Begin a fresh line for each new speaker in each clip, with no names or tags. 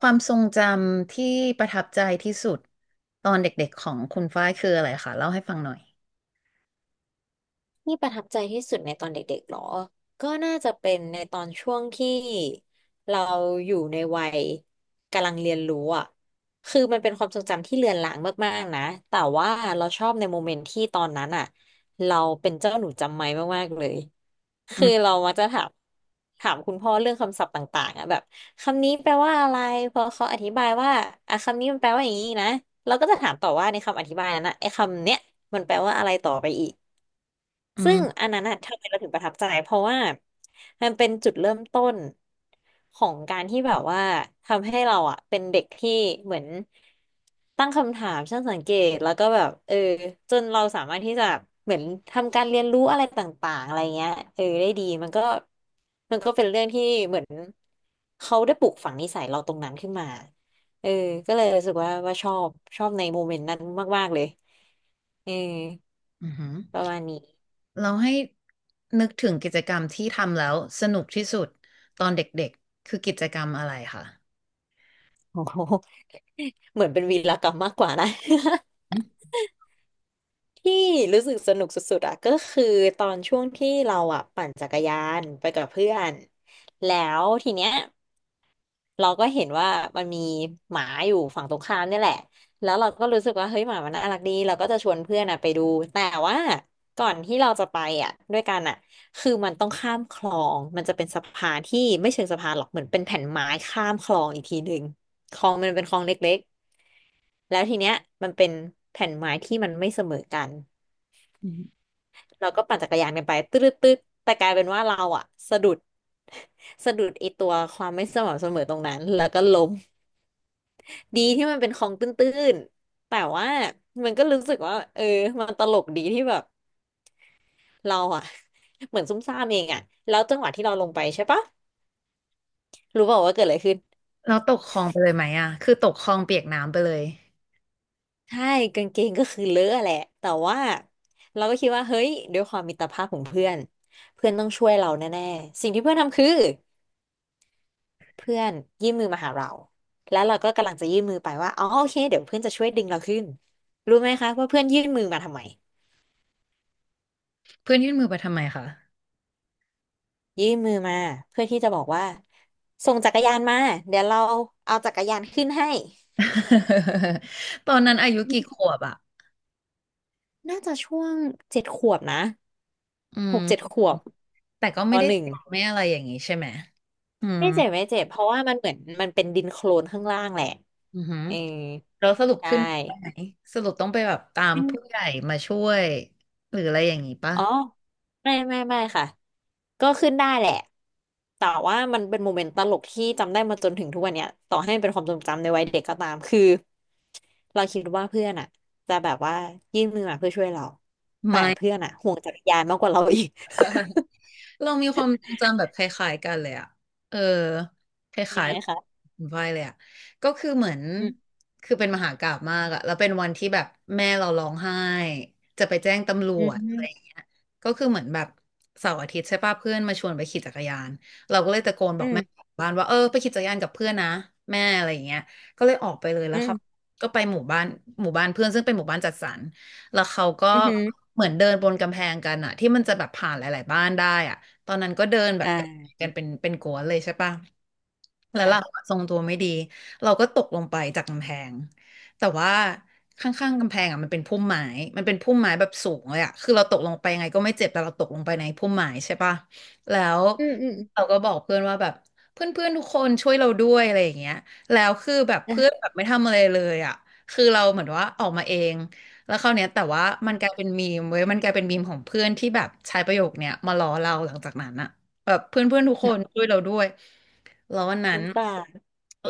ความทรงจำที่ประทับใจที่สุดตอนเด็กๆของคุณฝ้ายคืออะไรคะเล่าให้ฟังหน่อย
ที่ประทับใจที่สุดในตอนเด็กๆหรอก็น่าจะเป็นในตอนช่วงที่เราอยู่ในวัยกำลังเรียนรู้อ่ะคือมันเป็นความทรงจำที่เลือนลางมากๆนะแต่ว่าเราชอบในโมเมนต์ที่ตอนนั้นอ่ะเราเป็นเจ้าหนูจำไม้มากๆเลย
อื
คือ
ม
เรามักจะถามคุณพ่อเรื่องคำศัพท์ต่างๆอ่ะแบบคำนี้แปลว่าอะไรพอเขาอธิบายว่าอ่ะคำนี้มันแปลว่าอย่างนี้นะเราก็จะถามต่อว่าในคำอธิบายนั้นนะไอ้คำเนี้ยมันแปลว่าอะไรต่อไปอีก
อื
ซึ่ง
ม
อันนั้นอะทำไมเราถึงประทับใจเพราะว่ามันเป็นจุดเริ่มต้นของการที่แบบว่าทำให้เราอะเป็นเด็กที่เหมือนตั้งคำถามช่างสังเกตแล้วก็แบบเออจนเราสามารถที่จะเหมือนทำการเรียนรู้อะไรต่างๆอะไรเงี้ยเออได้ดีมันก็เป็นเรื่องที่เหมือนเขาได้ปลูกฝังนิสัยเราตรงนั้นขึ้นมาเออก็เลยรู้สึกว่าชอบในโมเมนต์นั้นมากๆเลยเออ
อือหือ
ประมาณนี้
เราให้นึกถึงกิจกรรมที่ทำแล้วสนุกที่สุดตอนเด็กๆคือกิจกรรมอะไรคะ
โอ้โห เหมือนเป็นวีรกรรมมากกว่านะ
อืม
ที่รู้สึกสนุกสุดๆอะก็คือตอนช่วงที่เราอะปั่นจักรยานไปกับเพื่อนแล้วทีเนี้ยเราก็เห็นว่ามันมีหมาอยู่ฝั่งตรงข้ามเนี่ยแหละแล้วเราก็รู้สึกว่าเฮ้ยหมามันน่ารักดีเราก็จะชวนเพื่อนอะไปดูแต่ว่าก่อนที่เราจะไปอะด้วยกันอะคือมันต้องข้ามคลองมันจะเป็นสะพานที่ไม่เชิงสะพานหรอกเหมือนเป็นแผ่นไม้ข้ามคลองอีกทีหนึ่งคลองมันเป็นคลองเล็ก แล้วทีเนี้ยมันเป็นแผ่นไม้ที่มันไม่เสมอกัน
อืม
เราก็ปั่นจักรยานกันไปตืดตืดแต่กลายเป็นว่าเราอะสะดุด สะดุดไอตัวความไม่สม่ำเสมอตรงนั้นแล้วก็ล้มดีที่มันเป็นคลองตื้นๆแต่ว่ามันก็รู้สึกว่าเออมันตลกดีที่แบบเราอะ เหมือนซุ่มซ่ามเองอะแล้วจังหวะที่เราลงไปใช่ปะรู้เปล่าว่าเกิดอะไรขึ้น
เราตกคลองไปเลยไหมอะคือตกคลองเปียกน้ำไปเลย
ใช่กางเกงก็คือเลอะแหละแต่ว่าเราก็คิดว่าเฮ้ยด้วยความมิตรภาพของเพื่อนเพื่อนต้องช่วยเราแน่ๆสิ่งที่เพื่อนทำคือเพื่อนยื่นมือมาหาเราแล้วเราก็กำลังจะยื่นมือไปว่าอ๋อโอเคเดี๋ยวเพื่อนจะช่วยดึงเราขึ้นรู้ไหมคะว่าเพื่อนยื่นมือมาทำไม
เพื่อนยื่นมือไปทำไมคะ
ยื่นมือมาเพื่อที่จะบอกว่าส่งจักรยานมาเดี๋ยวเราเอาจักรยานขึ้นให้
ตอนนั้นอายุกี่ขวบอะ
น่าจะช่วงเจ็ดขวบนะ
อื
ห
ม
กเจ็ดขวบ
แต่ก็
ป
ไม่ได้
หนึ่ง
เจ็บไม่อะไรอย่างนี้ใช่ไหมอืม
ไม่เจ็บไม่เจ็บเพราะว่ามันเหมือนมันเป็นดินโคลนข้างล่างแหละ
อือหือ
เออ
เราสรุป
ใช่
ขึ้นไปไหนสรุปต้องไปแบบตาม
ขึ้น
ผู้ใหญ่มาช่วยหรืออะไรอย่างนี้ปะ
อ๋อไม่ไม่ไม่ค่ะก็ขึ้นได้แหละแต่ว่ามันเป็นโมเมนต์ตลกที่จำได้มาจนถึงทุกวันเนี้ยต่อให้มันเป็นความทรงจำในวัยเด็กก็ตามคือเราคิดว่าเพื่อนอ่ะจะแบบว่ายื่นมือมาเพื่อช่วยเราแต่
ไม่
เพื่อนอ่ะห่วงจักรยานมากกว่าเราอีก
เรามีความทรงจำแบบคล้ายๆกันเลยอะเออค
เป็น
ล้าย
ไง
ๆค
คะ
ุณฝ้ายเลยอะก็คือเหมือน
อืม
คือเป็นมหากาพย์มากอะแล้วเป็นวันที่แบบแม่เราร้องไห้จะไปแจ้งตำร
อื
วจอะไร
ม
อย่างเงี้ยก็คือเหมือนแบบเสาร์อาทิตย์ใช่ป่ะเพื่อนมาชวนไปขี่จักรยานเราก็เลยตะโกนบ
อื
อกแม่
ม
บ้านว่าเออไปขี่จักรยานกับเพื่อนนะแม่อะไรอย่างเงี้ยก็เลยออกไปเลยแล้
อื
วครับ
ม
ก็ไปหมู่บ้านหมู่บ้านเพื่อนซึ่งเป็นหมู่บ้านจัดสรรแล้วเขาก็
อืมอม
เหมือนเดินบนกำแพงกันอะที่มันจะแบบผ่านหลายๆบ้านได้อะ ตอนนั้นก็เดินแบ
อ
บกับ
่า
กันเป็นกัวนเลยใช่ปะ แล้วเรา
ค่ะ
อะทรงตัวไม่ดีเราก็ตกลงไปจากกำแพงแต่ว่าข้างๆกำแพงอ่ะมันเป็นพุ่มไม้มันเป็นพุ่มไม้แบบสูงเลยอ่ะคือเราตกลงไปยังไงก็ไม่เจ็บ แต่เราตกลงไปในพุ่มไม้ใช่ปะ แล้ว
อืมอืม
เราก็บอกเพื่อนว่าแบบเพื่อนๆทุกคนช่วยเราด้วยอะไรอย่างเงี้ยแล้วคือแบบเพื่อน
อ่ะ
แบบไม่ทำอะไรเลยอ่ะคือเราเหมือนว่าออกมาเอง แล้วคราวเนี้ยแต่ว่ามันกลายเป็นมีมเว้ยมันกลายเป็นมีมของเพื่อนที่แบบใช้ประโยคเนี้ยมาล้อเราหลังจากนั้นอะแบบเพื่อนเพื่อนทุกคนช่วยเราด้วยแล้ววัน
ส
นั้น
งสาร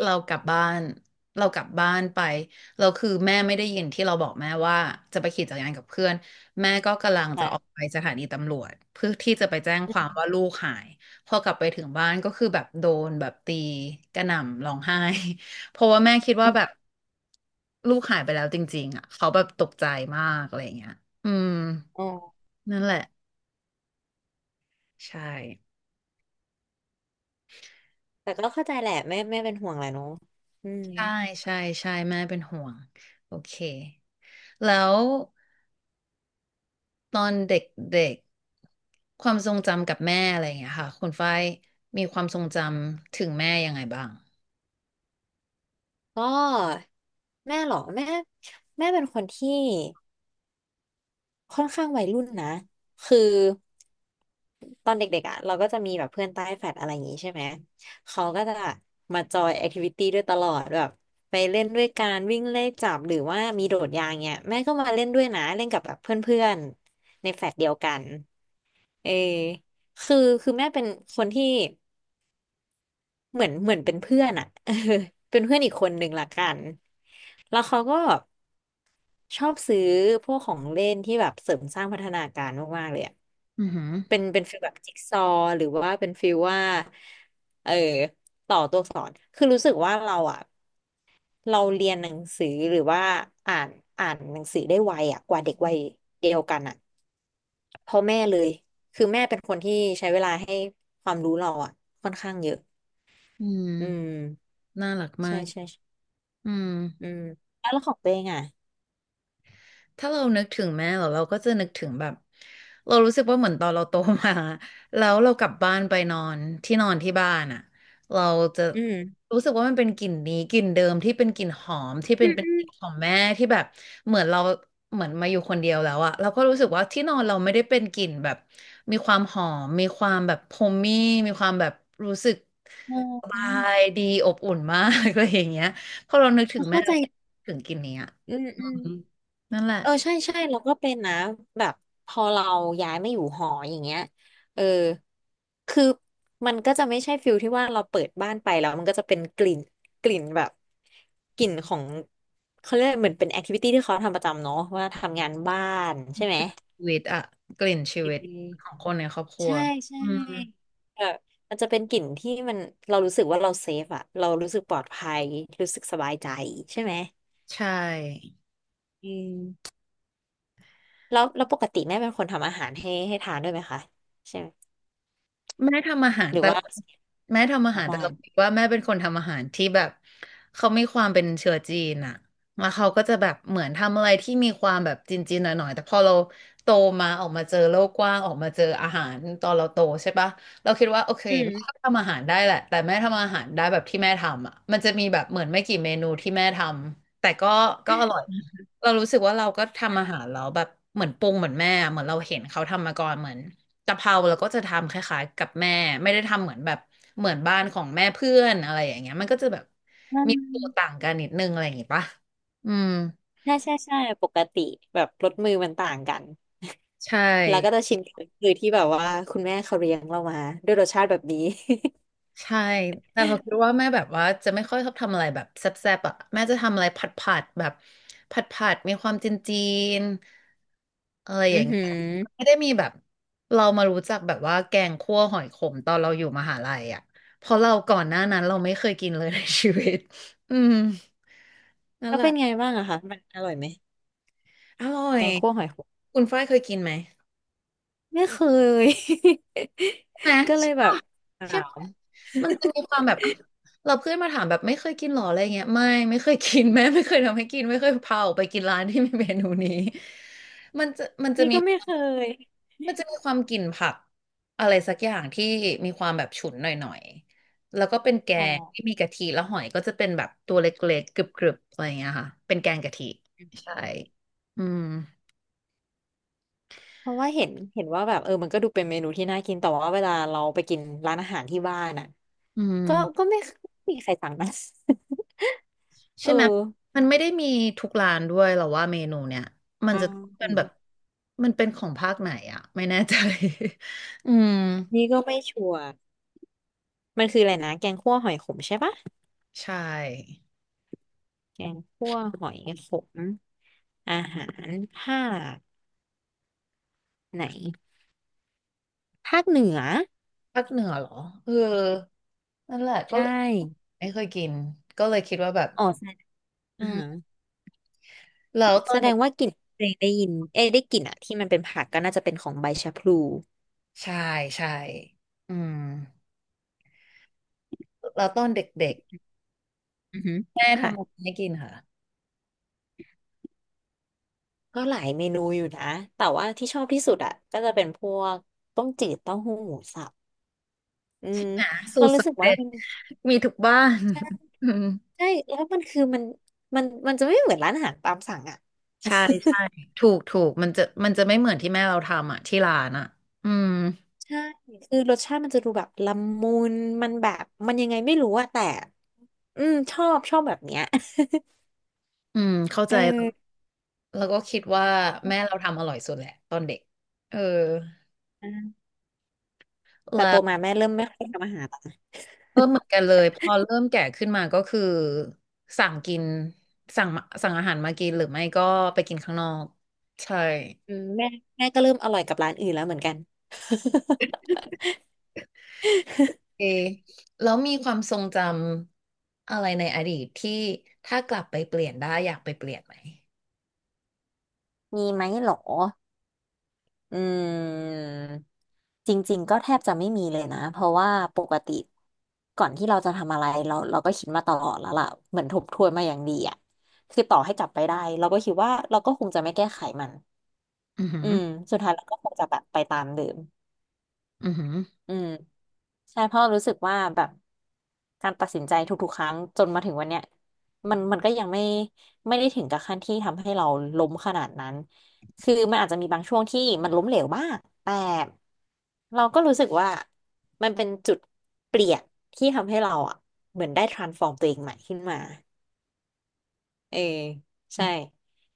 เรากลับบ้านเรากลับบ้านไปเราคือแม่ไม่ได้ยินที่เราบอกแม่ว่าจะไปขี่จักรยานกับเพื่อนแม่ก็กำลังจะ
ค่ะ
ออกไปสถานีตำรวจเพื่อที่จะไปแจ้งความว่าลูกหายพอกลับไปถึงบ้านก็คือแบบโดนแบบตีกระหน่ำร้องไห้ เพราะว่าแม่คิดว่าแบ บลูกหายไปแล้วจริงๆอ่ะเขาแบบตกใจมากอะไรอย่างเงี้ยอืม
ออ
นั่นแหละใช่
แต่ก็เข้าใจแหละแม่เป็นห่วงแหละเนาะอืม
ใช่ใช่ใช่แม่เป็นห่วงโอเคแล้วตอนเด็กๆความทรงจำกับแม่อะไรอย่างเงี้ยค่ะคุณฝ้ายมีความทรงจำถึงแม่ยังไงบ้าง
ก็แม่เหรอแม่แม่เป็นคนที่ค่อนข้างวัยรุ่นนะคือตอนเด็กๆอ่ะเราก็จะมีแบบเพื่อนใต้แฟลตอะไรอย่างงี้ใช่ไหมเขาก็จะมาจอยแอคทิวิตี้ด้วยตลอดแบบไปเล่นด้วยการวิ่งเลขจับหรือว่ามีโดดยางเนี่ยแม่ก็มาเล่นด้วยนะเล่นกับแบบเพื่อนๆในแฟลตเดียวกันเออคือคือแม่เป็นคนที่ เหมือนเป็นเพื่อนอะ เออเป็นเพื่อนอีกคนหนึ่งละกัน แล้วเขาก็ชอบซื้อพวกของเล่นที่แบบเสริมสร้างพัฒนาการมากๆเลยอะ
อือหือ
เป็นฟีลแบบจิ๊กซอว์หรือว่าเป็นฟีลว่าเออต่อตัวอักษรคือรู้สึกว่าเราอะเราเรียนหนังสือหรือว่าอ่านอ่านหนังสือได้ไวอะกว่าเด็กวัยเดียวกันอะเพราะแม่เลยคือแม่เป็นคนที่ใช้เวลาให้ความรู้เราอะค่อนข้างเยอะ
อื
อืม
มน่ารัก
ใช่
มาก
ใช่ใช่
อืม
อืมแล้วของตัวเองอ่ะ
ถ้าเรานึกถึงแม่เราเราก็จะนึกถึงแบบเรารู้สึกว่าเหมือนตอนเราโตมา แล้วเรากลับบ้านไปนอนที่นอนที่บ้านอ่ะเราจะ
อืม
รู้สึกว่ามันเป็นกลิ่นนี้กลิ่นเดิมที่เป็นกลิ่นหอมที่เป็
อื
น
ม
เป็น
อื
ก
ม
ลิ่นของแม่ที่แบบเหมือนเราเหมือนมาอยู่คนเดียวแล้วอะเราก็รู้สึกว่าที่นอนเราไม่ได้เป็นกลิ่นแบบมีความหอมมีความแบบโฮมมี่มีความแบบรู้สึก
อ๋
สบา
อ
ยดีอบอุ่นมาก อะไรอย่างเงี้ยพอเรานึกถึงแม่
เเข้าใจ
ถึงกลิ่นเนี้ย
อืม
อื
อืม
มนั่นแหละ
เออใช่ใช่เราก็เป็นนะแบบพอเราย้ายมาอยู่หออย่างเงี้ยเออคือมันก็จะไม่ใช่ฟิลที่ว่าเราเปิดบ้านไปแล้วมันก็จะเป็นกลิ่นกลิ่นแบบกลิ่นของเขาเรียกเหมือนเป็นแอคทิวิตี้ที่เขาทำประจำเนาะว่าทำงานบ้านใช่ไหม
ชีวิตอะกลิ่นชีวิตของคนในครอบครัว
ใช่ใช่
อืม
เออมันจะเป็นกลิ่นที่มันเรารู้สึกว่าเราเซฟอะเรารู้สึกปลอดภัยรู้สึกสบายใจใช่ไหม
ใช่
อืมแล้วปกติแม่เป็นคนทำอาหารให้ทานด้วยไหมคะใช่ไหม
แม่ทำอาหาร
หรือ
แต่
ว่า
ละแม่ทำอา
ออ
หา
ก
รแต่
บ้า
เรา
น
คิดว่าแม่เป็นคนทำอาหารที่แบบเขามีความเป็นเชื้อจีนอะแล้วเขาก็จะแบบเหมือนทำอะไรที่มีความแบบจีนๆหน่อยๆแต่พอเราโตมาออกมาเจอโลกกว้างออกมาเจออาหารตอนเราโตใช่ปะเราคิดว่าโอเค
อื
แม่ก็
ม
ทำอาหารได้แหละแต่แม่ทำอาหารได้แบบที่แม่ทำอะมันจะมีแบบเหมือนไม่กี่เมนูที่แม่ทำแต่ก็ก็อร่อยเรารู้สึกว่าเราก็ทำอาหารแล้วแบบเหมือนปรุงเหมือนแม่อะเหมือนเราเห็นเขาทำมาก่อนเหมือน กะเพราเราก็จะทำคล้ายๆกับแม่ไม่ได้ทำเหมือนแบบเหมือนบ้านของแม่เพื่อนอะไรอย่างเงี้ยมันก็จะแบบ
อื
มีตัวต่า
ม
งกันนิดนึงอะไรอย่างงี้ปะอืม
ใช่ใช่ใช่ปกติแบบรสมือมันต่างกัน
ใช่
แล้วก็จะชิมคือที่แบบว่าคุณแม่เขาเลี้ยงเรามาด้วยรสชาติแบบนี้
ใช่แต่พอคิดว่าแม่แบบว่าจะไม่ค่อยชอบทำอะไรแบบแซ่บๆอ่ะแม่จะทำอะไรผัดแบบผัดมีความจีนจีนอะไร อ
อื
ย่า
อ
งเงี้
หือ
ยไม่ได้มีแบบเรามารู้จักแบบว่าแกงคั่วหอยขมตอนเราอยู่มหาลัยอ่ะเพราะเราก่อนหน้านั้นเราไม่เคยกินเลยในชีวิตอืมนั่
แล้
น
ว
แหละ
เป็นไงบ้างอะคะมันอร่อยไหม
อร่อ
แก
ย
งคั่วหอย
คุณฝ้ายเคยกินไหม
ไม่เคย
น
ก็เลยแบ
ะ
บ
ใช่
ถา
ปะ
ม
มันจะมีความแบบอ้าวเราเพื่อนมาถามแบบไม่เคยกินหรออะไรเงี้ยไม่ไม่เคยกิน แม่ไม่เคยทำให้กินไม่เคยพาออกไปกินร้านที่มีเมนูนี้ มันจะ
นี่
มี
ก็
ค
ไม่
วา
เค
ม
ย
มันจะมีความกลิ่นผักอะไรสักอย่างที่มีความแบบฉุนหน่อยๆแล้วก็เป็นแก
อ๋อ
งที่มีกะทิแล้วหอยก็จะเป็นแบบตัวเล็กๆกรึบๆอะไรเงี้ยค่ะเป็นแกงกะทิใช่อืม
เพราะว่าเห็นว่าแบบเออมันก็ดูเป็นเมนูที่น่ากินแต่ว่าเวลาเราไปกินร้านอาหารที่บ้านอ่ะ
อืม
ก็ไม่มีใครสั่งนะ
ใช่
เอ
ไหม
อ
มันไม่ได้มีทุกร้านด้วยหรอว่าเมนูเนี่ยมัน
ใช
จะต้องเป็นแบบ
่
มันเป็นของภาคไหนอะไม่แน่ใจ อืม
นี่ก็ไม่ชัวร์มันคืออะไรนะแกงคั่วหอยขมใช่ปะ
ใช่
แกงคั่วหอยขมอาหารภาคไหน ภาคเหนือ
ภาคเหนือเหรอเออนั่นแหละก็
ใช่
ไม่เคยกินก็เลยคิดว่าแบบ
อ๋อใช่
อื
อาหาร
มแล้วตอ
แส
น
ด
เด็ก
งว่ากลิ่นเพลงได้ยินเอ้ยได้กลิ่นอะที่มันเป็นผักก็น่าจะเป็นของใบชะพลู
ใช่ใช่อืมแล้วตอนเด็ก
อือฮึ
ๆแม่
ค่ะ
ทำอะไรให้กินค่ะ
ก็หลายเมนูอยู่นะแต่ว่าที่ชอบที่สุดอ่ะก็จะเป็นพวกต้มจืดเต้าหู้หมูสับอืม
่ะสู
เรา
ตร
รู้สึก
สำ
ว่า
เร็จ
มัน
มีทุกบ้าน
ใช่
อืม
ใช่แล้วมันคือมันจะไม่เหมือนร้านอาหารตามสั่งอ่ะ
ใช่ใช่ถูกถูกมันจะไม่เหมือนที่แม่เราทำอ่ะที่ร้านอ่ะอืม
ใช่คือรสชาติมันจะดูแบบละมุนมันแบบมันยังไงไม่รู้อะแต่อืมชอบชอบแบบเนี้ย
อืมเข้า
เ
ใจแล้ว
ออ
แล้วก็คิดว่าแม่เราทำอร่อยสุดแหละตอนเด็กเออ
แต่
แล้
โตมา
ว
แม่เริ่มไม่ค่อยทำอาหาร
เออเหมือนกันเลยพอเริ่มแก่ขึ้นมาก็คือสั่งกินสั่งมาสั่งอาหารมากินหรือไม่ก็ไปกินข้างนอกใช่
อืมแม่ก็เริ่มอร่อยกับร้านอื่นแล้วเหมือนกัน
เอแล้วมีความทรงจำอะไรในอดีตที่ถ้ากลับไปเปลี่ยนได้อยากไปเปลี่ยนไหม
มีไหมหรออืมจริงๆก็แทบจะไม่มีเลยนะเพราะว่าปกติก่อนที่เราจะทำอะไรเราก็คิดมาตลอดแล้วล่ะเหมือนทบทวนมาอย่างดีอ่ะคือต่อให้กลับไปได้เราก็คิดว่าเราก็คงจะไม่แก้ไขมัน
อือหื
อื
อ
มสุดท้ายเราก็คงจะแบบไปตามเดิม
อือหือ
อืมใช่เพราะรู้สึกว่าแบบการตัดสินใจทุกๆครั้งจนมาถึงวันเนี้ยมันก็ยังไม่ได้ถึงกับขั้นที่ทำให้เราล้มขนาดนั้นคือมันอาจจะมีบางช่วงที่มันล้มเหลวบ้างแต่เราก็รู้สึกว่ามันเป็นจุดเปลี่ยนที่ทำให้เราอ่ะเหมือนได้ transform ตัวเองใหม่ขึ้นมาเออใช่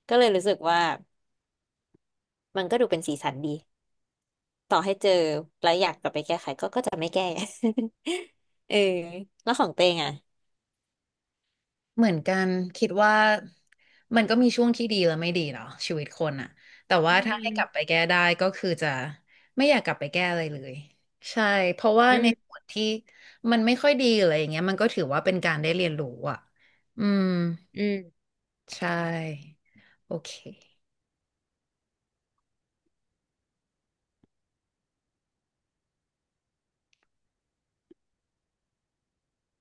ก็เลยรู้สึกว่ามันก็ดูเป็นสีสันดีต่อให้เจอแล้วจะไม่แก้ เออแล้วของเตงอ่ะ
เหมือนกันคิดว่ามันก็มีช่วงที่ดีและไม่ดีเนาะชีวิตคนอะแต่
อื
ว่าถ้าให้กลับไป
ม
แก้ได้ก็คือจะไม่อยากกลับไปแก้อะไรเลยใช่เพราะว่า
อื
ใน
มอื
ส่
ม
วนที่มันไม่ค่อยดีออะไรอย่างเงี้ยมันก็ถือว่าเป็นการได้เรียนรู้อะอืมใช่โอเค